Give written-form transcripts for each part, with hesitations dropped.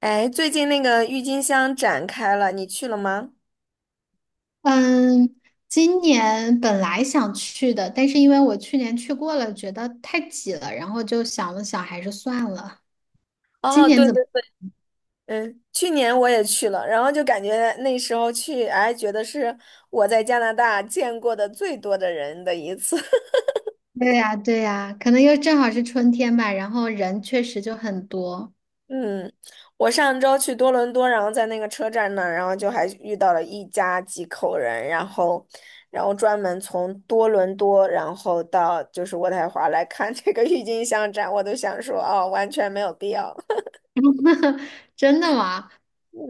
哎，最近那个郁金香展开了，你去了吗？嗯，今年本来想去的，但是因为我去年去过了，觉得太挤了，然后就想了想，还是算了。今哦，年对怎么？对，嗯，去年我也去了，然后就感觉那时候去，哎，觉得是我在加拿大见过的最多的人的一次。对呀，对呀，可能又正好是春天吧，然后人确实就很多。嗯，我上周去多伦多，然后在那个车站那儿，然后就还遇到了一家几口人，然后，然后专门从多伦多，然后到就是渥太华来看这个郁金香展，我都想说，哦，完全没有必要。真的吗？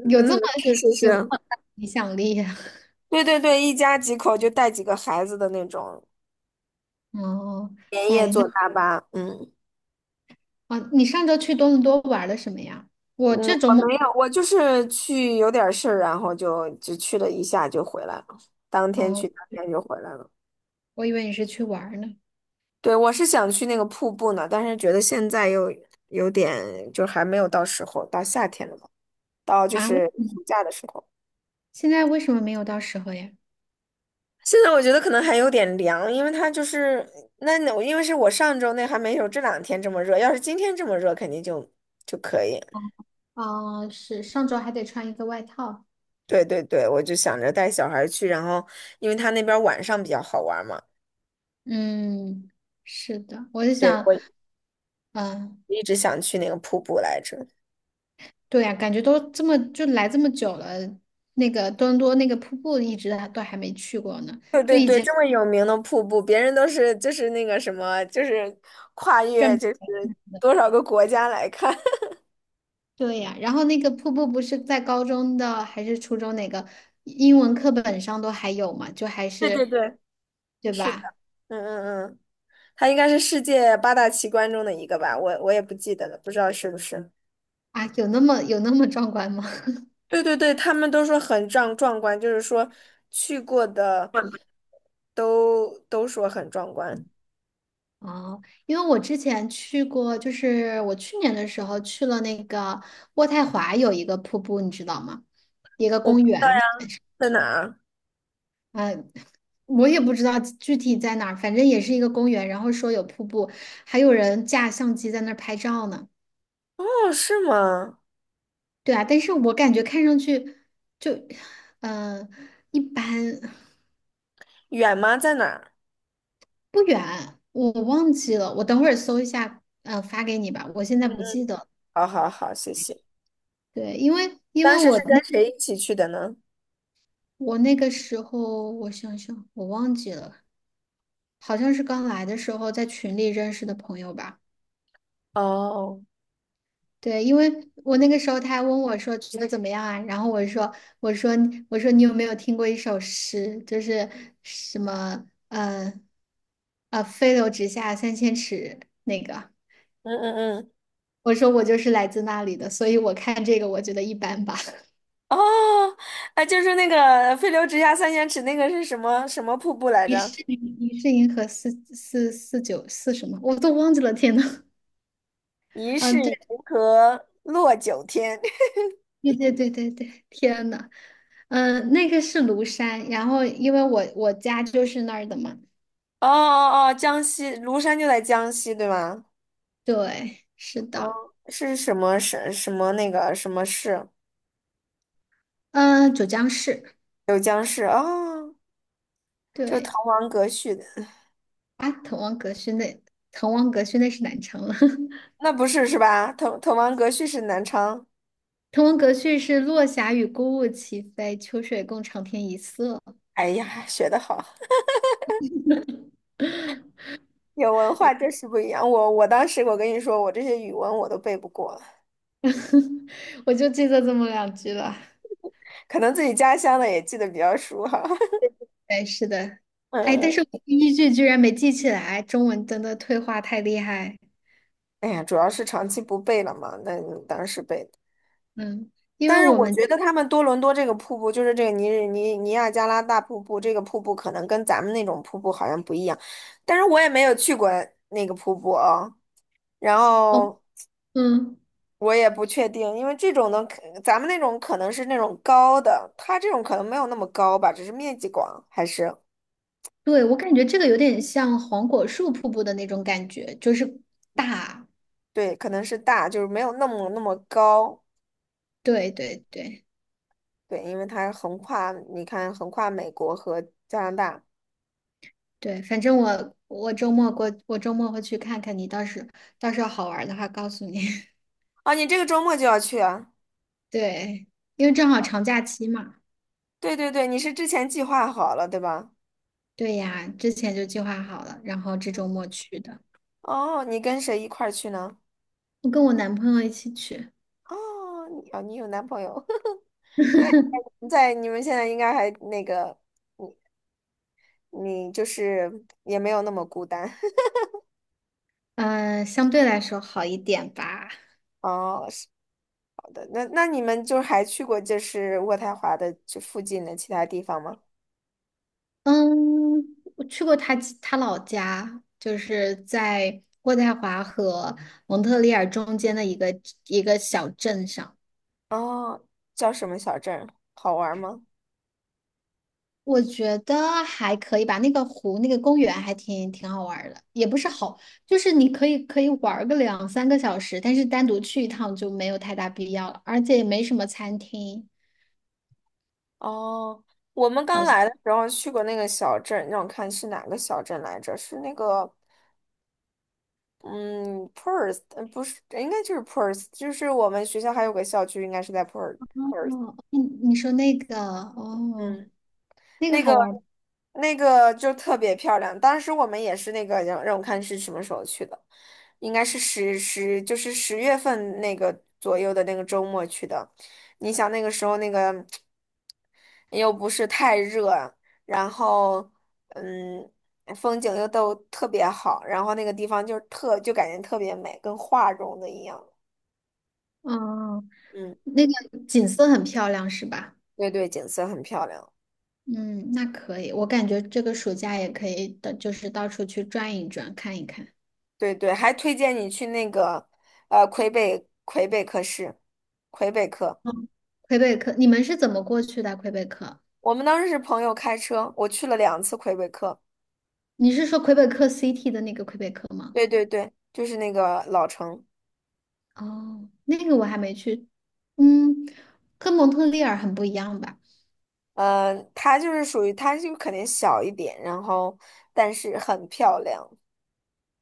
有这嗯，么是是有这么是。大的影响力？对对对，一家几口就带几个孩子的那种，哦，连夜哎，那坐大巴。嗯哦，你上周去多伦多玩了什么呀？我嗯，这周我末，没有，我就是去有点事儿，然后就去了一下就回来了，当天去，哦，当天就回来了。我以为你是去玩儿呢。对，我是想去那个瀑布呢，但是觉得现在又有点，就还没有到时候，到夏天了吧，到就啊，为是什么暑假的时候。现在为什么没有到时候呀？现在我觉得可能还有点凉，因为它就是那，因为是我上周那还没有这两天这么热，要是今天这么热，肯定就可以。啊，是上周还得穿一个外套。对对对，我就想着带小孩去，然后因为他那边晚上比较好玩嘛，嗯，是的，我就对，想，我嗯，一直想去那个瀑布来着。对呀，感觉都这么就来这么久了，那个多伦多那个瀑布一直还都还没去过呢，对就对以对，前这么有名的瀑布，别人都是就是那个什么，就是跨越转，就是多少个国家来看。对呀，然后那个瀑布不是在高中的还是初中哪个英文课本上都还有嘛，就还 对对是，对，对是的，吧？嗯嗯嗯，它应该是世界八大奇观中的一个吧，我也不记得了，不知道是不是。啊，有那么壮观吗？对对对，他们都说很壮观，就是说去过的都说很壮观。哦，因为我之前去过，就是我去年的时候去了那个渥太华有一个瀑布，你知道吗？一个我公不知道。园，在哪儿？呃，我也不知道具体在哪儿，反正也是一个公园。然后说有瀑布，还有人架相机在那儿拍照呢。哦，是吗？对啊，但是我感觉看上去就，嗯、一般远吗？在哪儿？不远，我忘记了，我等会儿搜一下，发给你吧，我现在嗯不嗯，记得。好好好，谢谢。对，因为因当为时我是跟那。谁一起去的呢？我那个时候，我想想，我忘记了，好像是刚来的时候在群里认识的朋友吧。哦，对，因为我那个时候他还问我说觉得怎么样啊，然后我说我说你有没有听过一首诗，就是什么呃飞流直下三千尺那个，嗯嗯嗯，我说我就是来自那里的，所以我看这个我觉得一般吧。哦，哎，就是那个“飞流直下三千尺”那个是什么什么瀑布来疑着？是银疑是银河四四四九四什么我都忘记了，天呐，疑啊，是对。银河落九天。对对对对对，天呐，嗯，那个是庐山，然后因为我家就是那儿的嘛，哦哦哦，江西庐山就在江西，对吗？对，是哦，的，是什么什么那个什么市？嗯，九江市，九江市哦，就是滕对，王阁序的，啊，滕王阁序那，滕王阁序那是南昌了，那不是是吧？滕王阁序是南昌。滕王阁序是落霞与孤鹜齐飞，秋水共长天一色，哎呀，学得好，有文化就是不一样。我当时我跟你说，我这些语文我都背不过了，我就记得这么两句了，可能自己家乡的也记得比较熟哈。对，是的，哎，但是嗯，我第一句居然没记起来，中文真的退化太厉害，哎呀，主要是长期不背了嘛，那当时背的。嗯，因为但是我我们，觉得他们多伦多这个瀑布，就是这个尼日尼尼亚加拉大瀑布，这个瀑布可能跟咱们那种瀑布好像不一样，但是我也没有去过那个瀑布啊、然哦，后嗯。我也不确定，因为这种的可咱们那种可能是那种高的，它这种可能没有那么高吧，只是面积广，还是，对，我感觉这个有点像黄果树瀑布的那种感觉，就是大。对，可能是大，就是没有那么那么高，对对对对，因为它横跨，你看横跨美国和加拿大。对，反正我周末会去看看你，到时候好玩儿的话告诉你。啊，你这个周末就要去啊？对，因为正好长假期嘛。对对对，你是之前计划好了，对吧？对呀，之前就计划好了，然后这周末去的。哦，你跟谁一块儿去呢？我跟我男朋友一起去，哦，你有男朋友，那你在你们现在应该还那个，你你就是也没有那么孤单。嗯，相对来说好一点吧。哦，的那那你们就还去过就是渥太华的这附近的其他地方吗？嗯，我去过他老家，就是在渥太华和蒙特利尔中间的一个小镇上，哦，叫什么小镇儿好玩吗？我觉得还可以吧。那个湖，那个公园还挺好玩儿的，也不是好，就是你可以玩儿个两三个小时，但是单独去一趟就没有太大必要了，而且也没什么餐厅，哦，我们刚好像。来的时候去过那个小镇，让我看是哪个小镇来着？是那个，嗯，Perth，呃不是，应该就是 Perth，就是我们学校还有个校区，应该是在 Perth。哦，你说那个哦，嗯那个那好个玩儿，那个就特别漂亮。当时我们也是那个让我看是什么时候去的，应该是就是十月份那个左右的那个周末去的。你想那个时候那个又不是太热，然后嗯风景又都特别好，然后那个地方就特就感觉特别美，跟画中的一样。嗯，嗯，那个景色很漂亮是吧？对对，景色很漂亮。嗯，那可以，我感觉这个暑假也可以的，就是到处去转一转，看一看。对对，还推荐你去那个魁北克市，魁北克。嗯，魁北克，你们是怎么过去的？魁北克，我们当时是朋友开车，我去了两次魁北克。你是说魁北克 City 的那个魁北克吗？对对对，就是那个老城，哦，那个我还没去。嗯，跟蒙特利尔很不一样吧？呃，它就是属于它就肯定小一点，然后但是很漂亮。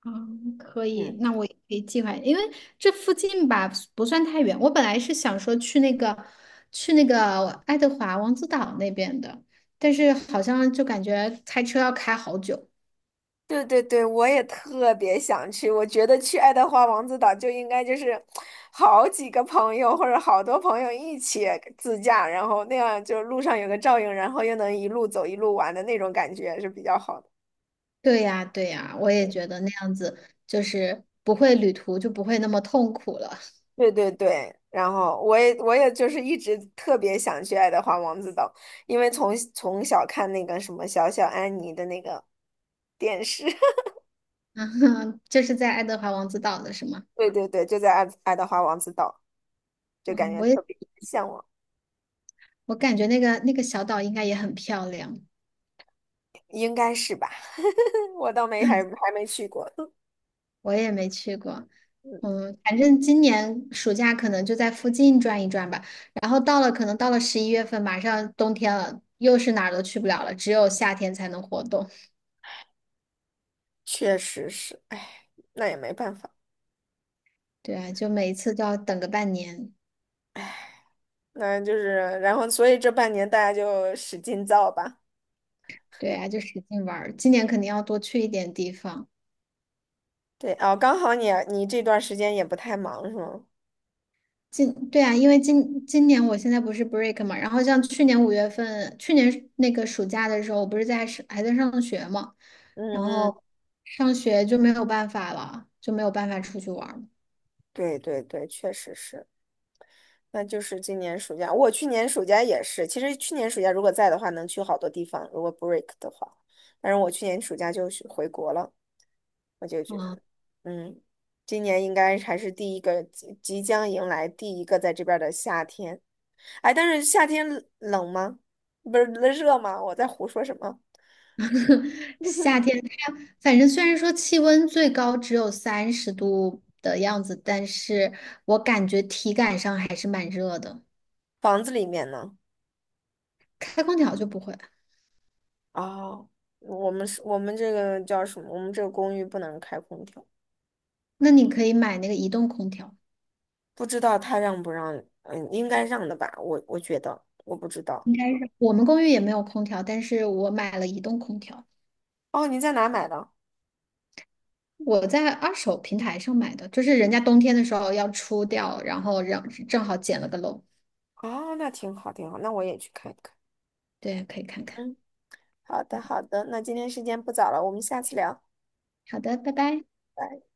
嗯，可嗯。以，那我也可以计划，因为这附近吧不算太远。我本来是想说去那个爱德华王子岛那边的，但是好像就感觉开车要开好久。对对对，我也特别想去。我觉得去爱德华王子岛就应该就是好几个朋友或者好多朋友一起自驾，然后那样就路上有个照应，然后又能一路走一路玩的那种感觉是比较好的。对呀，对呀，我也觉得那样子就是不会旅途就不会那么痛苦了。对对对，然后我也就是一直特别想去爱德华王子岛，因为从小看那个什么小安妮的那个电视，嗯，这是在爱德华王子岛的是吗？对对对，就在爱德华王子岛，就感嗯，觉我特也别向往。我感觉那个小岛应该也很漂亮，应该是吧？我倒没还没去过，我也没去过。嗯，反正今年暑假可能就在附近转一转吧。然后可能到了11月份，马上冬天了，又是哪儿都去不了了，只有夏天才能活动。确实是，哎，那也没办法，对啊，就每一次都要等个半年。那就是，然后所以这半年大家就使劲造吧。对啊，就使劲玩儿。今年肯定要多去一点地方。对哦，刚好你这段时间也不太忙是吗？今对啊，因为今年我现在不是 break 嘛，然后像去年5月份，去年那个暑假的时候，我不是还在上学嘛，嗯然嗯，后上学就没有办法了，就没有办法出去玩儿对对对，确实是，那就是今年暑假，我去年暑假也是，其实去年暑假如果在的话，能去好多地方，如果 break 的话，但是我去年暑假就是回国了。我就觉得，啊。嗯，今年应该还是第一个，即将迎来第一个在这边儿的夏天。哎，但是夏天冷吗？不是热吗？我在胡说什么？夏 天它反正虽然说气温最高只有30度的样子，但是我感觉体感上还是蛮热的。房子里面呢？开空调就不会，哦，我们是我们这个叫什么？我们这个公寓不能开空调，那你可以买那个移动空调。不知道他让不让？嗯，应该让的吧？我觉得，我不知道。应该是我们公寓也没有空调，但是我买了移动空调。哦，你在哪买的？我在二手平台上买的，就是人家冬天的时候要出掉，然后让正好捡了个漏。哦，那挺好，挺好，那我也去看一看。对，可以看看。嗯，好的，好的，那今天时间不早了，我们下次聊。好的，拜拜。拜。